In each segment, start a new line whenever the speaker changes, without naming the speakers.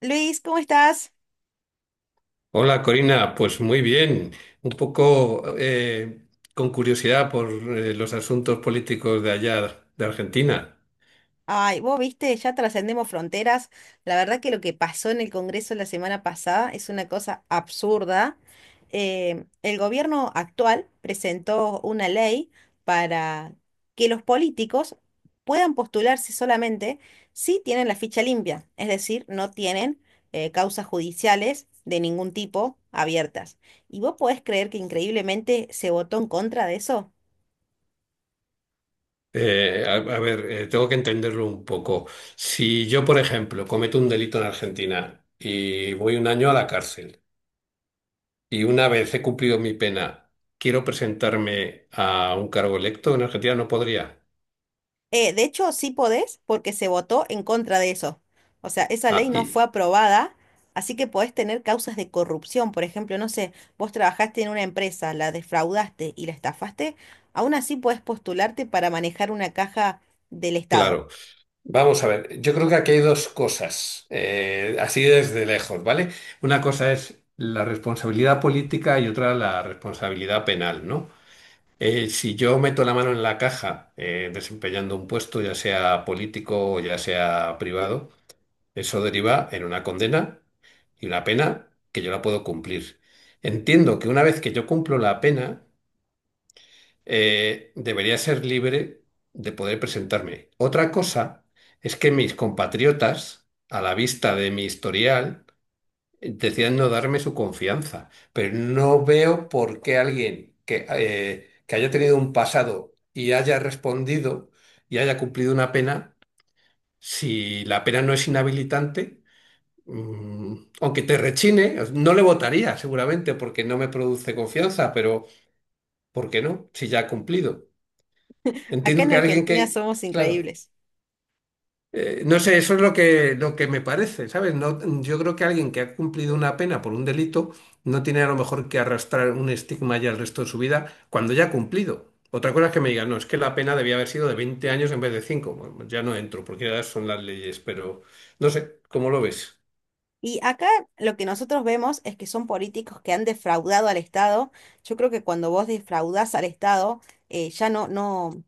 Luis, ¿cómo estás?
Hola Corina, pues muy bien, un poco con curiosidad por los asuntos políticos de allá, de Argentina.
Ay, vos viste, ya trascendemos fronteras. La verdad que lo que pasó en el Congreso la semana pasada es una cosa absurda. El gobierno actual presentó una ley para que los políticos puedan postularse solamente si tienen la ficha limpia, es decir, no tienen causas judiciales de ningún tipo abiertas. ¿Y vos podés creer que increíblemente se votó en contra de eso?
A ver, tengo que entenderlo un poco. Si yo, por ejemplo, cometo un delito en Argentina y voy un año a la cárcel y una vez he cumplido mi pena, quiero presentarme a un cargo electo en Argentina, no podría.
De hecho, sí podés porque se votó en contra de eso. O sea, esa
Ah,
ley no fue
y
aprobada, así que podés tener causas de corrupción. Por ejemplo, no sé, vos trabajaste en una empresa, la defraudaste y la estafaste, aún así podés postularte para manejar una caja del Estado.
claro. Vamos a ver, yo creo que aquí hay dos cosas, así desde lejos, ¿vale? Una cosa es la responsabilidad política y otra la responsabilidad penal, ¿no? Si yo meto la mano en la caja desempeñando un puesto, ya sea político o ya sea privado, eso deriva en una condena y una pena que yo la puedo cumplir. Entiendo que una vez que yo cumplo la pena, debería ser libre de poder presentarme. Otra cosa es que mis compatriotas, a la vista de mi historial, decían no darme su confianza. Pero no veo por qué alguien que, que haya tenido un pasado y haya respondido y haya cumplido una pena, si la pena no es inhabilitante, mm, aunque te rechine, no le votaría seguramente porque no me produce confianza, pero ¿por qué no? Si ya ha cumplido.
Acá
Entiendo
en
que alguien
Argentina
que,
somos
claro,
increíbles.
no sé, eso es lo que me parece, ¿sabes? No, yo creo que alguien que ha cumplido una pena por un delito no tiene a lo mejor que arrastrar un estigma ya el resto de su vida cuando ya ha cumplido. Otra cosa es que me digan, no, es que la pena debía haber sido de 20 años en vez de cinco. Bueno, ya no entro, porque ya son las leyes, pero no sé, ¿cómo lo ves?
Y acá lo que nosotros vemos es que son políticos que han defraudado al Estado. Yo creo que cuando vos defraudás al Estado, ya no,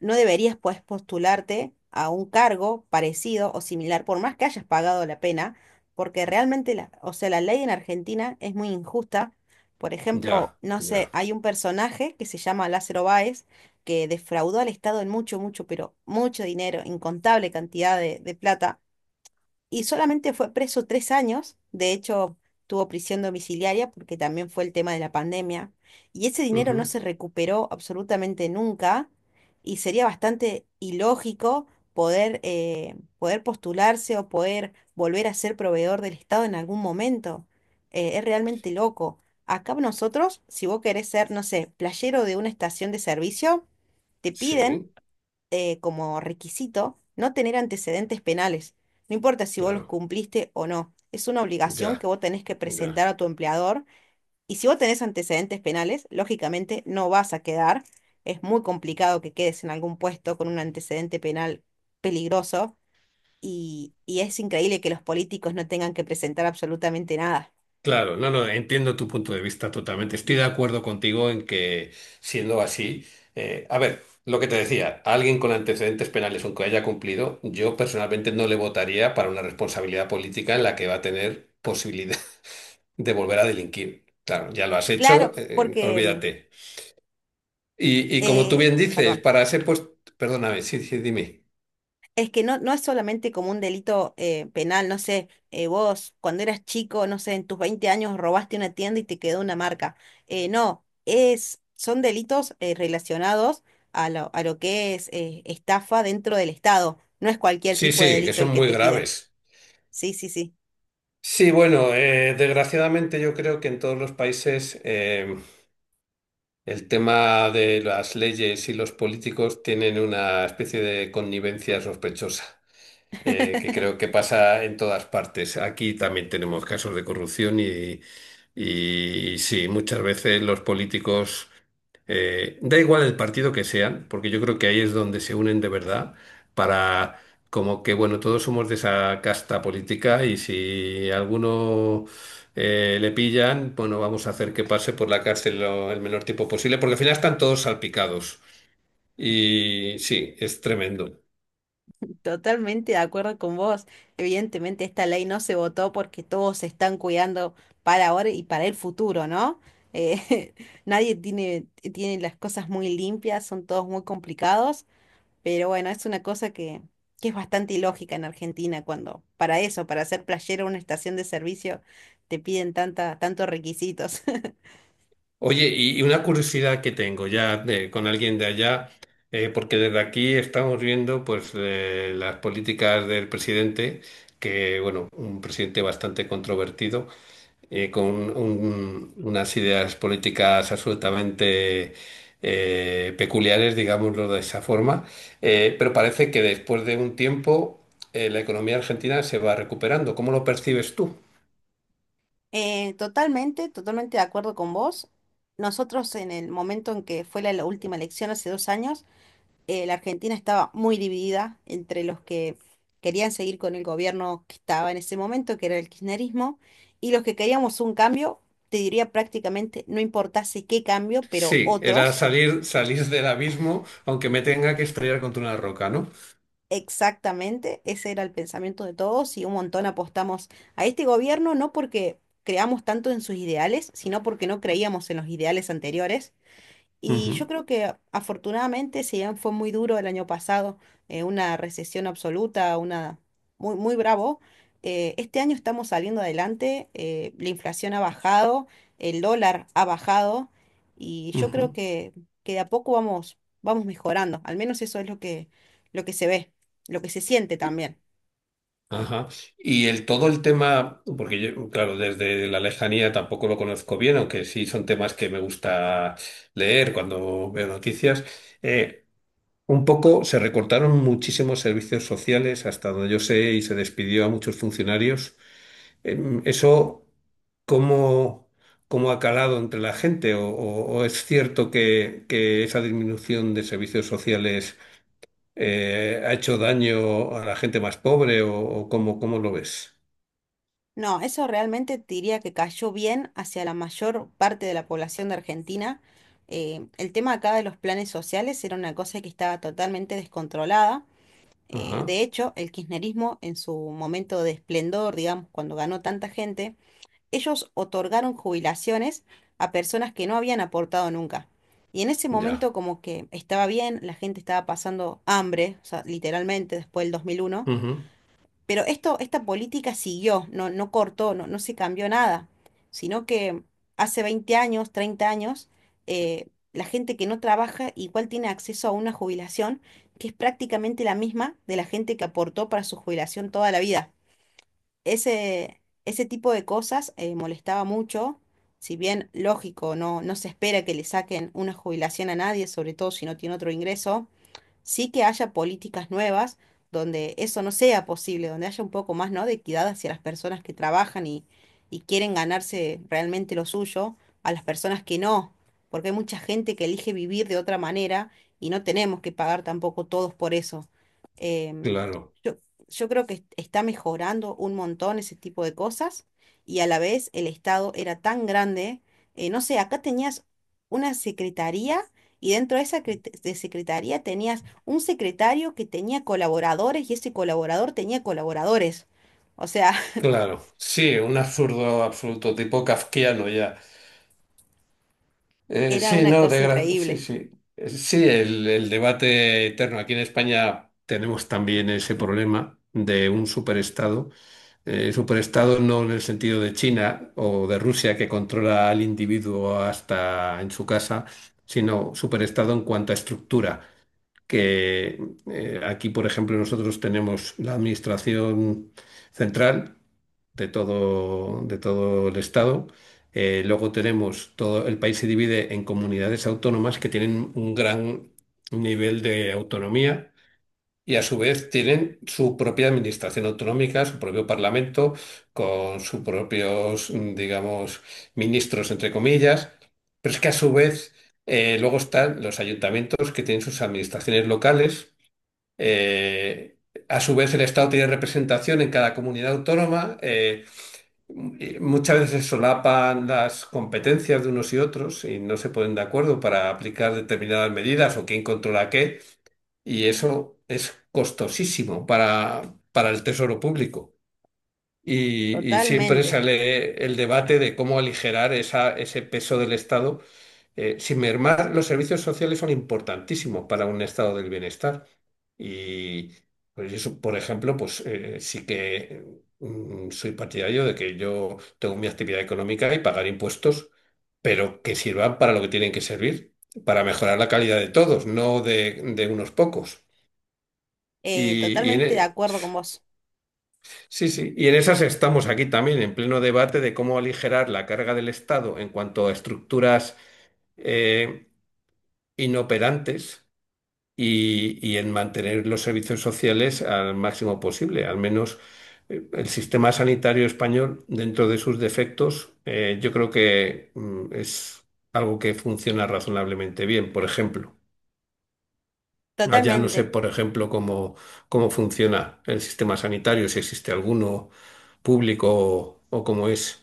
no deberías pues postularte a un cargo parecido o similar, por más que hayas pagado la pena, porque realmente, o sea, la ley en Argentina es muy injusta. Por ejemplo,
Ya,
no sé,
ya.
hay un personaje que se llama Lázaro Báez, que defraudó al Estado en mucho, mucho, pero mucho dinero, incontable cantidad de plata y solamente fue preso 3 años. De hecho, tuvo prisión domiciliaria porque también fue el tema de la pandemia, y ese dinero no
Ujú.
se recuperó absolutamente nunca, y sería bastante ilógico poder, poder postularse o poder volver a ser proveedor del Estado en algún momento. Es realmente loco. Acá nosotros, si vos querés ser, no sé, playero de una estación de servicio, te piden
Sí,
como requisito no tener antecedentes penales. No importa si vos los
claro,
cumpliste o no. Es una obligación que
ya,
vos tenés que presentar
ya.
a tu empleador. Y si vos tenés antecedentes penales, lógicamente no vas a quedar. Es muy complicado que quedes en algún puesto con un antecedente penal peligroso. Y es increíble que los políticos no tengan que presentar absolutamente nada.
Claro, no, no, entiendo tu punto de vista totalmente. Estoy de acuerdo contigo en que, siendo así, a ver, lo que te decía, alguien con antecedentes penales, aunque haya cumplido, yo personalmente no le votaría para una responsabilidad política en la que va a tener posibilidad de volver a delinquir. Claro, ya lo has
Claro,
hecho,
porque,
olvídate. Y como tú bien dices,
perdón.
para ser pues, perdóname, sí, sí, dime.
Es que no, no es solamente como un delito penal, no sé, vos cuando eras chico, no sé, en tus 20 años robaste una tienda y te quedó una marca. No, es, son delitos relacionados a a lo que es estafa dentro del Estado. No es cualquier
Sí,
tipo de
sí, que
delito
son
el que
muy
te piden.
graves.
Sí, sí, sí.
Sí, bueno, desgraciadamente yo creo que en todos los países el tema de las leyes y los políticos tienen una especie de connivencia sospechosa que creo que pasa en todas partes. Aquí también tenemos casos de corrupción y sí, muchas veces los políticos, da igual el partido que sean, porque yo creo que ahí es donde se unen de verdad para. Como que, bueno, todos somos de esa casta política y si alguno le pillan, bueno, vamos a hacer que pase por la cárcel el menor tiempo posible, porque al final están todos salpicados. Y sí, es tremendo.
Totalmente de acuerdo con vos. Evidentemente esta ley no se votó porque todos se están cuidando para ahora y para el futuro, ¿no? Eh, Nadie tiene las cosas muy limpias, son todos muy complicados, pero bueno, es una cosa que es bastante ilógica en Argentina cuando para eso, para ser playero en una estación de servicio, te piden tanta, tantos requisitos.
Oye, y una curiosidad que tengo ya con alguien de allá, porque desde aquí estamos viendo pues las políticas del presidente, que bueno, un presidente bastante controvertido, con unas ideas políticas absolutamente peculiares, digámoslo de esa forma. Pero parece que después de un tiempo la economía argentina se va recuperando. ¿Cómo lo percibes tú?
Totalmente, de acuerdo con vos. Nosotros en el momento en que fue la última elección hace 2 años, la Argentina estaba muy dividida entre los que querían seguir con el gobierno que estaba en ese momento, que era el kirchnerismo, y los que queríamos un cambio, te diría prácticamente, no importase qué cambio,
Sí,
pero
era
otros.
salir, salir del abismo, aunque me tenga que estrellar contra una roca, ¿no?
Exactamente, ese era el pensamiento de todos y un montón apostamos a este gobierno, no porque creamos tanto en sus ideales, sino porque no creíamos en los ideales anteriores. Y
Ujú,
yo creo que afortunadamente, si bien fue muy duro el año pasado, una recesión absoluta, una muy, muy bravo, este año estamos saliendo adelante. Eh, la inflación ha bajado, el dólar ha bajado, y yo creo
ujú.
que de a poco vamos mejorando. Al menos eso es lo que se ve, lo que se siente
Y-
también.
Ajá. Y el todo el tema, porque yo, claro, desde la lejanía tampoco lo conozco bien, aunque sí son temas que me gusta leer cuando veo noticias. eh, un poco se recortaron muchísimos servicios sociales, hasta donde yo sé, y se despidió a muchos funcionarios. Eso. ¿Cómo, cómo ha calado entre la gente? ¿O es cierto que esa disminución de servicios sociales ha hecho daño a la gente más pobre? ¿O cómo lo ves?
No, eso realmente te diría que cayó bien hacia la mayor parte de la población de Argentina. El tema acá de los planes sociales era una cosa que estaba totalmente descontrolada.
Ajá.
De hecho, el kirchnerismo en su momento de esplendor, digamos, cuando ganó tanta gente, ellos otorgaron jubilaciones a personas que no habían aportado nunca. Y en ese momento
Ya.
como que estaba bien, la gente estaba pasando hambre, o sea, literalmente después del 2001.
Ujú.
Pero esto, esta política siguió, no, no cortó, no, no se cambió nada, sino que hace 20 años, 30 años, eh, la gente que no trabaja igual tiene acceso a una jubilación que es prácticamente la misma de la gente que aportó para su jubilación toda la vida. Ese tipo de cosas molestaba mucho. Si bien lógico, no, no se espera que le saquen una jubilación a nadie, sobre todo si no tiene otro ingreso, sí que haya políticas nuevas donde eso no sea posible, donde haya un poco más, ¿no?, de equidad hacia las personas que trabajan y quieren ganarse realmente lo suyo, a las personas que no, porque hay mucha gente que elige vivir de otra manera y no tenemos que pagar tampoco todos por eso. Em,
Claro,
yo, yo creo que está mejorando un montón ese tipo de cosas y a la vez el Estado era tan grande. Eh, no sé, acá tenías una secretaría y dentro de esa cre- de secretaría tenías un secretario que tenía colaboradores y ese colaborador tenía colaboradores. O sea,
claro. Sí, un absurdo absoluto, tipo kafkiano ya. Eh,
era
sí,
una
no,
cosa
sí,
increíble.
sí. Sí, el debate eterno. Aquí en España tenemos también ese problema de un superestado no en el sentido de China o de Rusia que controla al individuo hasta en su casa, sino superestado en cuanto a estructura, que aquí, por ejemplo, nosotros tenemos la administración central de todo el estado. Luego tenemos todo el país se divide en comunidades autónomas que tienen un gran nivel de autonomía y a su vez tienen su propia administración autonómica, su propio parlamento, con sus propios, digamos, ministros, entre comillas. Pero es que a su vez luego están los ayuntamientos que tienen sus administraciones locales. Eh, a su vez el Estado tiene representación en cada comunidad autónoma. Y muchas veces se solapan las competencias de unos y otros y no se ponen de acuerdo para aplicar determinadas medidas o quién controla qué. Y eso es costosísimo para el tesoro público. Y siempre
Totalmente.
sale el debate de cómo aligerar esa, ese peso del Estado. Sin mermar, los servicios sociales son importantísimos para un estado del bienestar. Y pues eso, por ejemplo, pues sí que soy partidario de que yo tengo mi actividad económica y pagar impuestos, pero que sirvan para lo que tienen que servir, para mejorar la calidad de todos, no de unos pocos. Y, y en,
Totalmente de
e-
acuerdo con vos.
sí, sí, y en esas estamos aquí también, en pleno debate de cómo aligerar la carga del Estado en cuanto a estructuras eh, inoperantes y en mantener los servicios sociales al máximo posible. Al menos el sistema sanitario español, dentro de sus defectos, yo creo que es algo que funciona razonablemente bien, por ejemplo. Allá no sé,
Totalmente.
por ejemplo, cómo funciona el sistema sanitario, si existe alguno público o cómo es.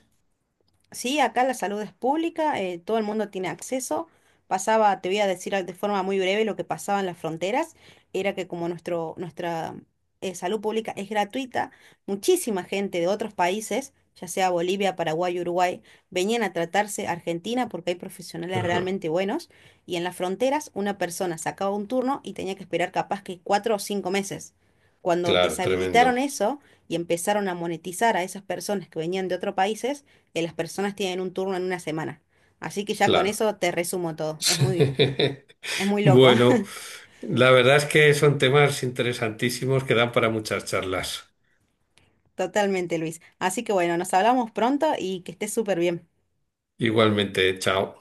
Sí, acá la salud es pública, todo el mundo tiene acceso. Pasaba, te voy a decir de forma muy breve lo que pasaba en las fronteras, era que como nuestra salud pública es gratuita, muchísima gente de otros países, ya sea Bolivia, Paraguay, Uruguay, venían a tratarse a Argentina porque hay profesionales
Ajá.
realmente buenos y en las fronteras una persona sacaba un turno y tenía que esperar capaz que 4 o 5 meses. Cuando
Claro, tremendo,
deshabilitaron eso y empezaron a monetizar a esas personas que venían de otros países, que las personas tienen un turno en una semana. Así que ya con
claro.
eso te resumo todo. Es muy loco.
Bueno, la verdad es que son temas interesantísimos que dan para muchas charlas.
Totalmente, Luis. Así que bueno, nos hablamos pronto y que estés súper bien.
Igualmente, chao.